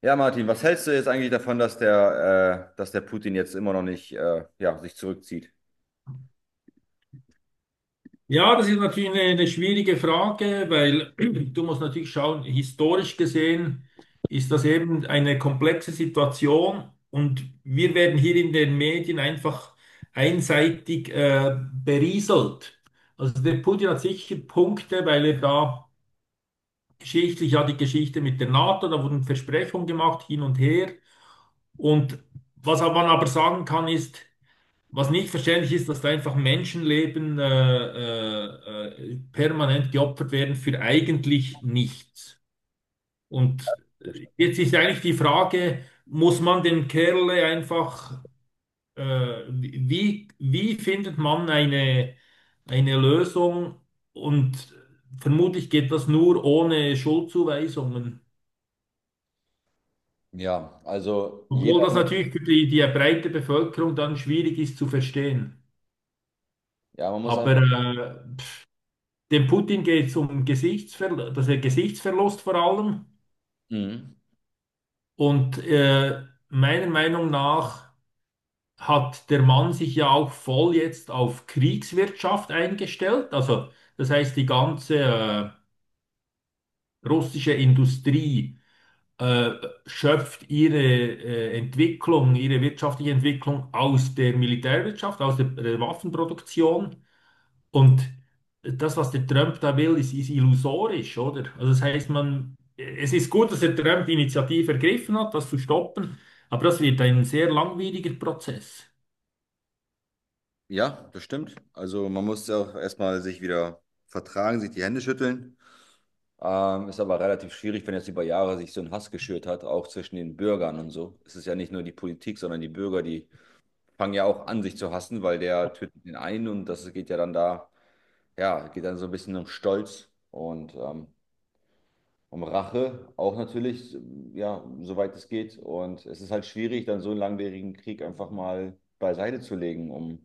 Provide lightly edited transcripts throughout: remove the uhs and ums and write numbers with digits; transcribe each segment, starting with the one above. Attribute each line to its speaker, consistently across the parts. Speaker 1: Ja, Martin, was hältst du jetzt eigentlich davon, dass dass der Putin jetzt immer noch nicht, ja, sich zurückzieht?
Speaker 2: Ja, das ist natürlich eine schwierige Frage, weil du musst natürlich schauen, historisch gesehen ist das eben eine komplexe Situation und wir werden hier in den Medien einfach einseitig berieselt. Also der Putin hat sicher Punkte, weil er da geschichtlich ja die Geschichte mit der NATO, da wurden Versprechungen gemacht hin und her. Und was man aber sagen kann ist, was nicht verständlich ist, dass da einfach Menschenleben permanent geopfert werden für eigentlich nichts. Und jetzt ist eigentlich die Frage, muss man dem Kerl einfach, wie findet man eine Lösung? Und vermutlich geht das nur ohne Schuldzuweisungen.
Speaker 1: Ja, also
Speaker 2: Obwohl das
Speaker 1: jeder,
Speaker 2: natürlich für die breite Bevölkerung dann schwierig ist zu verstehen.
Speaker 1: ja, man muss einfach,
Speaker 2: Aber äh, dem Putin geht es um Gesichtsver das ist Gesichtsverlust vor allem.
Speaker 1: mhm.
Speaker 2: Und meiner Meinung nach hat der Mann sich ja auch voll jetzt auf Kriegswirtschaft eingestellt. Also das heißt, die ganze russische Industrie äh, schöpft ihre Entwicklung, ihre wirtschaftliche Entwicklung aus der Militärwirtschaft, aus der Waffenproduktion. Und das, was der Trump da will, ist illusorisch, oder? Also das heißt, man, es ist gut, dass der Trump die Initiative ergriffen hat, das zu stoppen, aber das wird ein sehr langwieriger Prozess.
Speaker 1: Ja, das stimmt. Also man muss auch erstmal sich wieder vertragen, sich die Hände schütteln. Ist aber relativ schwierig, wenn jetzt über Jahre sich so ein Hass geschürt hat, auch zwischen den Bürgern und so. Es ist ja nicht nur die Politik, sondern die Bürger, die fangen ja auch an, sich zu hassen, weil der tötet den einen und das geht ja dann da, ja, geht dann so ein bisschen um Stolz und um Rache auch natürlich, ja, soweit es geht. Und es ist halt schwierig, dann so einen langwierigen Krieg einfach mal beiseite zu legen, um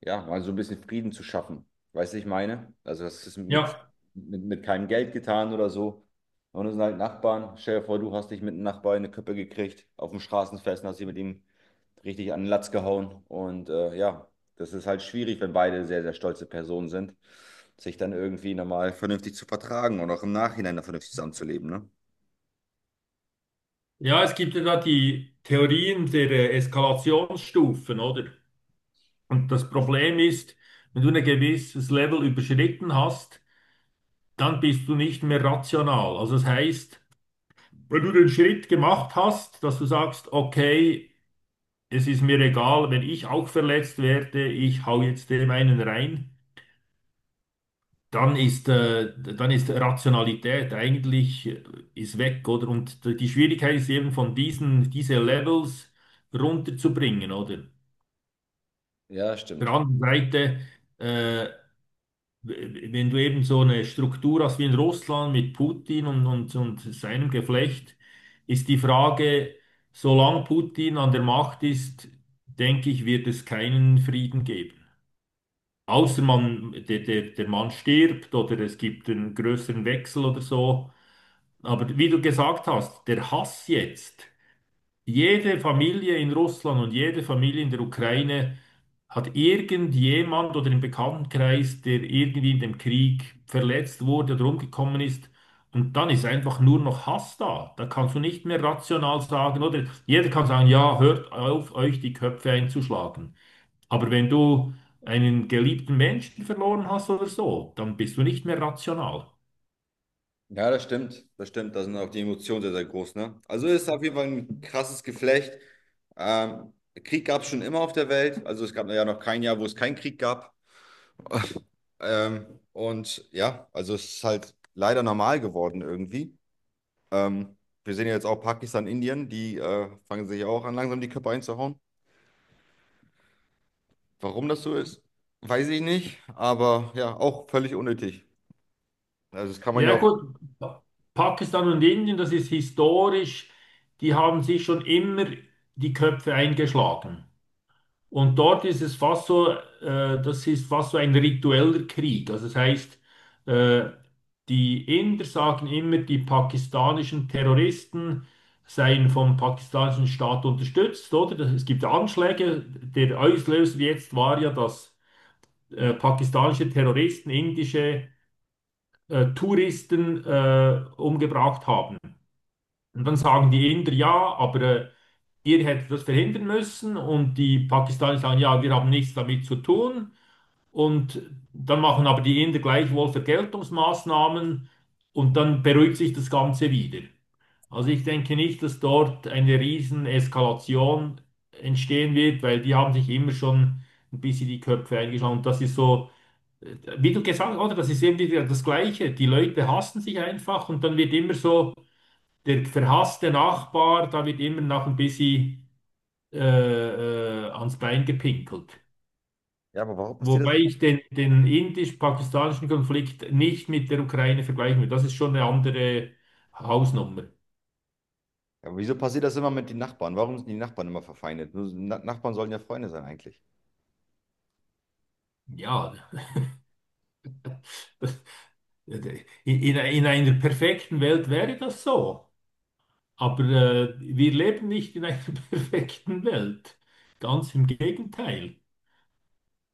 Speaker 1: ja, mal so ein bisschen Frieden zu schaffen. Weißt du, ich meine? Also das ist mit,
Speaker 2: Ja,
Speaker 1: mit, mit keinem Geld getan oder so. Und es sind halt Nachbarn. Stell dir vor, du hast dich mit einem Nachbarn in eine Köppe gekriegt, auf dem Straßenfest und hast dich mit ihm richtig an den Latz gehauen. Und ja, das ist halt schwierig, wenn beide sehr, sehr stolze Personen sind, sich dann irgendwie nochmal vernünftig zu vertragen und auch im Nachhinein dann vernünftig zusammenzuleben, ne?
Speaker 2: ja, es gibt ja da die Theorien der Eskalationsstufen, oder? Und das Problem ist, wenn du ein gewisses Level überschritten hast, dann bist du nicht mehr rational. Also das heißt, wenn du den Schritt gemacht hast, dass du sagst, okay, es ist mir egal, wenn ich auch verletzt werde, ich hau jetzt dem einen rein, dann ist Rationalität eigentlich ist weg, oder? Und die Schwierigkeit ist eben von diese Levels runterzubringen, oder?
Speaker 1: Ja,
Speaker 2: Auf der
Speaker 1: stimmt.
Speaker 2: anderen Seite, äh, wenn du eben so eine Struktur hast wie in Russland mit Putin und seinem Geflecht, ist die Frage, solange Putin an der Macht ist, denke ich, wird es keinen Frieden geben. Außer man, der Mann stirbt oder es gibt einen größeren Wechsel oder so. Aber wie du gesagt hast, der Hass jetzt, jede Familie in Russland und jede Familie in der Ukraine hat irgendjemand oder im Bekanntenkreis, der irgendwie in dem Krieg verletzt wurde oder umgekommen ist. Und dann ist einfach nur noch Hass da. Da kannst du nicht mehr rational sagen, oder jeder kann sagen, ja, hört auf, euch die Köpfe einzuschlagen. Aber wenn du einen geliebten Menschen verloren hast oder so, dann bist du nicht mehr rational.
Speaker 1: Ja, das stimmt. Das stimmt. Da sind auch die Emotionen sehr, sehr groß, ne? Also ist auf jeden Fall ein krasses Geflecht. Ähm, Krieg gab es schon immer auf der Welt. Also es gab ja noch kein Jahr, wo es keinen Krieg gab. Und ja, also es ist halt leider normal geworden irgendwie. Ähm, Wir sehen ja jetzt auch Pakistan, Indien, die fangen sich auch an, langsam die Köpfe einzuhauen. Warum das so ist, weiß ich nicht, aber ja, auch völlig unnötig. Also das kann man ja
Speaker 2: Ja
Speaker 1: auch.
Speaker 2: gut, Pakistan und Indien, das ist historisch, die haben sich schon immer die Köpfe eingeschlagen. Und dort ist es fast so, das ist fast so ein ritueller Krieg. Also das heißt, äh, die Inder sagen immer, die pakistanischen Terroristen seien vom pakistanischen Staat unterstützt, oder? Das- Es gibt Anschläge. Der Auslöser jetzt war ja, dass pakistanische Terroristen indische Touristen umgebracht haben. Und dann sagen die Inder, ja, aber ihr hättet das verhindern müssen und die Pakistanis sagen, ja, wir haben nichts damit zu tun. Und dann machen aber die Inder gleichwohl Vergeltungsmaßnahmen und dann beruhigt sich das Ganze wieder. Also ich denke nicht, dass dort eine riesen Eskalation entstehen wird, weil die haben sich immer schon ein bisschen die Köpfe eingeschlagen. Und das ist so, wie du gesagt hast, oder? Das ist eben wieder das Gleiche. Die Leute hassen sich einfach und dann wird immer so der verhasste Nachbar, da wird immer noch ein bisschen ans Bein gepinkelt.
Speaker 1: Ja, aber warum passiert das?
Speaker 2: Wobei ich den indisch-pakistanischen Konflikt nicht mit der Ukraine vergleichen will. Das ist schon eine andere Hausnummer.
Speaker 1: Ja, aber wieso passiert das immer mit den Nachbarn? Warum sind die Nachbarn immer verfeindet? Nur- so, na, Nachbarn sollen ja Freunde sein eigentlich.
Speaker 2: Ja, das, in, in einer perfekten Welt wäre das so. Aber wir leben nicht in einer perfekten Welt. Ganz im Gegenteil.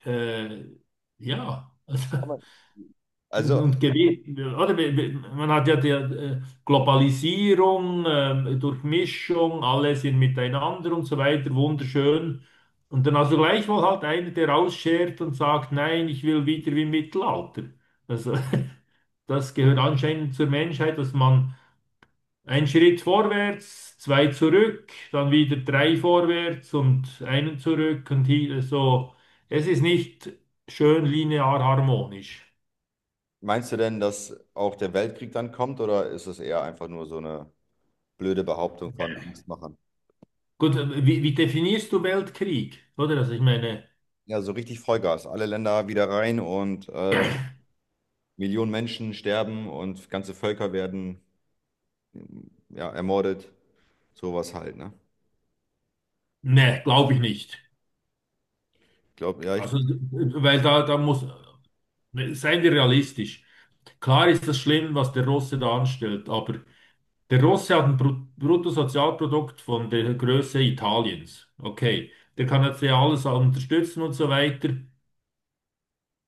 Speaker 2: Äh, ja,
Speaker 1: Das
Speaker 2: also,
Speaker 1: kann man. Also
Speaker 2: und oder? Man hat ja die Globalisierung, Durchmischung, alle sind miteinander und so weiter, wunderschön. Und dann also gleichwohl halt einer, der rausschert und sagt, nein, ich will wieder wie im Mittelalter. Also, das gehört anscheinend zur Menschheit, dass man einen Schritt vorwärts, zwei zurück, dann wieder drei vorwärts und einen zurück und hier, so. Es ist nicht schön linear harmonisch.
Speaker 1: meinst du denn, dass auch der Weltkrieg dann kommt oder ist es eher einfach nur so eine blöde Behauptung von Angstmachern?
Speaker 2: Gut, wie definierst du Weltkrieg? Oder? Also ich meine,
Speaker 1: Ja, so richtig Vollgas. Alle Länder wieder rein und Millionen Menschen sterben und ganze Völker werden ja, ermordet. Sowas halt, ne?
Speaker 2: ne, glaube ich nicht.
Speaker 1: Ich glaube, ja, ich,
Speaker 2: Also, weil da muss, ne, seien wir realistisch. Klar ist das schlimm, was der Russe da anstellt, aber der Russe hat ein Bruttosozialprodukt von der Größe Italiens. Okay, der kann jetzt ja alles unterstützen und so weiter,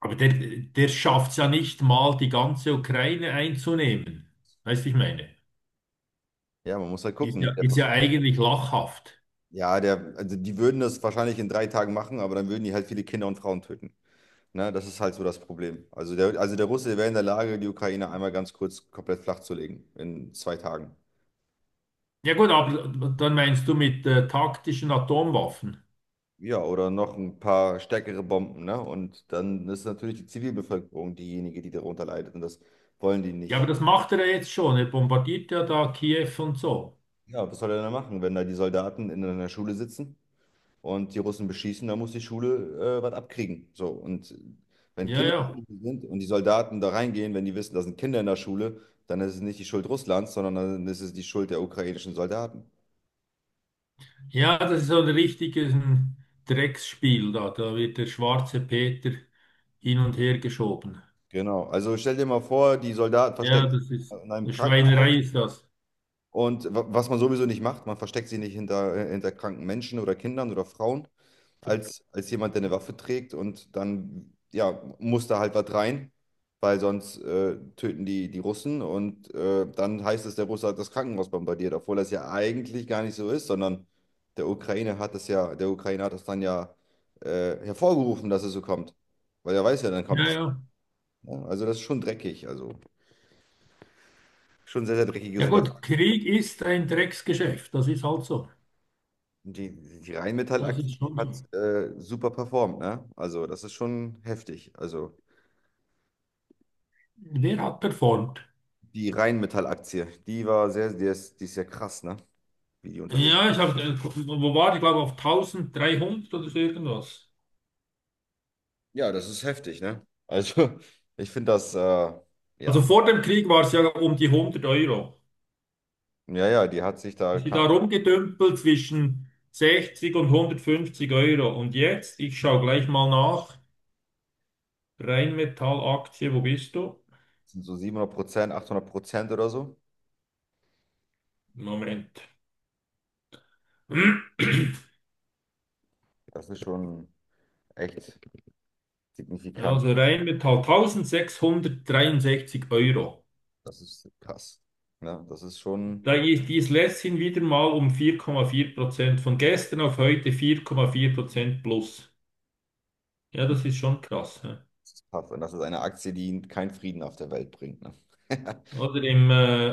Speaker 2: aber der schafft es ja nicht mal, die ganze Ukraine einzunehmen. Weißt du, ich meine,
Speaker 1: ja, man muss halt gucken, ne? Der
Speaker 2: ist ja
Speaker 1: Versuch,
Speaker 2: eigentlich lachhaft.
Speaker 1: ja, der, also die würden das wahrscheinlich in drei Tagen machen, aber dann würden die halt viele Kinder und Frauen töten. Ne, das ist halt so das Problem. Also der Russe wäre in der Lage, die Ukraine einmal ganz kurz komplett flach zu legen in zwei Tagen.
Speaker 2: Ja gut, aber dann meinst du mit taktischen Atomwaffen.
Speaker 1: Ja, oder noch ein paar stärkere Bomben, ne? Und dann ist natürlich die Zivilbevölkerung diejenige, die darunter leidet. Und das wollen die
Speaker 2: Ja, aber
Speaker 1: nicht.
Speaker 2: das macht er ja jetzt schon. Er bombardiert ja da Kiew und so.
Speaker 1: Ja, was soll er denn machen, wenn da die Soldaten in einer Schule sitzen und die Russen beschießen, dann muss die Schule was abkriegen. So, und wenn
Speaker 2: Ja,
Speaker 1: Kinder in der
Speaker 2: ja.
Speaker 1: Schule sind und die Soldaten da reingehen, wenn die wissen, da sind Kinder in der Schule, dann ist es nicht die Schuld Russlands, sondern dann ist es die Schuld der ukrainischen Soldaten.
Speaker 2: Ja, das ist so ein richtiges ein Drecksspiel da. Da wird der schwarze Peter hin und her geschoben.
Speaker 1: Genau. Also stell dir mal vor, die Soldaten
Speaker 2: Ja,
Speaker 1: verstecken
Speaker 2: das ist
Speaker 1: sich in einem
Speaker 2: eine
Speaker 1: Krankenhaus
Speaker 2: Schweinerei ist das.
Speaker 1: und wa- was man sowieso nicht macht, man versteckt sie nicht hinter, hinter kranken Menschen oder Kindern oder Frauen, als jemand, der eine Waffe trägt und dann ja, muss da halt was rein, weil sonst töten die, die Russen und dann heißt es, der Russe hat das Krankenhaus bombardiert, obwohl das ja eigentlich gar nicht so ist, sondern der Ukraine hat das dann ja hervorgerufen, dass es so kommt. Weil er weiß ja, dann
Speaker 2: Ja,
Speaker 1: kommt
Speaker 2: ja.
Speaker 1: ja, also das ist schon dreckig, also schon sehr, sehr dreckiges
Speaker 2: Ja gut,
Speaker 1: Unterfangen.
Speaker 2: Krieg ist ein Drecksgeschäft. Das ist halt so.
Speaker 1: Die, die
Speaker 2: Das
Speaker 1: Rheinmetall-Aktie
Speaker 2: ist schon so.
Speaker 1: hat super performt, ne? Also das ist schon heftig. Also
Speaker 2: Wer hat performt?
Speaker 1: die Rheinmetall-Aktie, die war sehr, die ist ja krass, ne? Wie die unterwegs.
Speaker 2: Ja, ich habe, wo war ich, glaube auf 1300 oder so irgendwas.
Speaker 1: Ja, das ist heftig, ne? Also ich finde das,
Speaker 2: Also
Speaker 1: ja,
Speaker 2: vor dem Krieg war es ja um die 100 Euro.
Speaker 1: ja, ja, die hat sich da,
Speaker 2: Ich bin
Speaker 1: keine
Speaker 2: da
Speaker 1: Ahnung,
Speaker 2: rumgedümpelt zwischen 60 und 150 Euro. Und jetzt, ich schaue gleich mal nach. Rheinmetall-Aktie, wo bist du?
Speaker 1: sind so 700%, 800% oder so.
Speaker 2: Moment.
Speaker 1: Das ist schon echt signifikant.
Speaker 2: Also Rheinmetall 1663 Euro.
Speaker 1: Das ist krass, ne? Das ist schon...
Speaker 2: Da ist dies letzthin wieder mal um 4,4%. Von gestern auf heute 4,4% plus. Ja, das ist schon krass. Hä?
Speaker 1: Das ist tough. Und das ist eine Aktie, die keinen Frieden auf der Welt bringt. Ne?
Speaker 2: Oder im,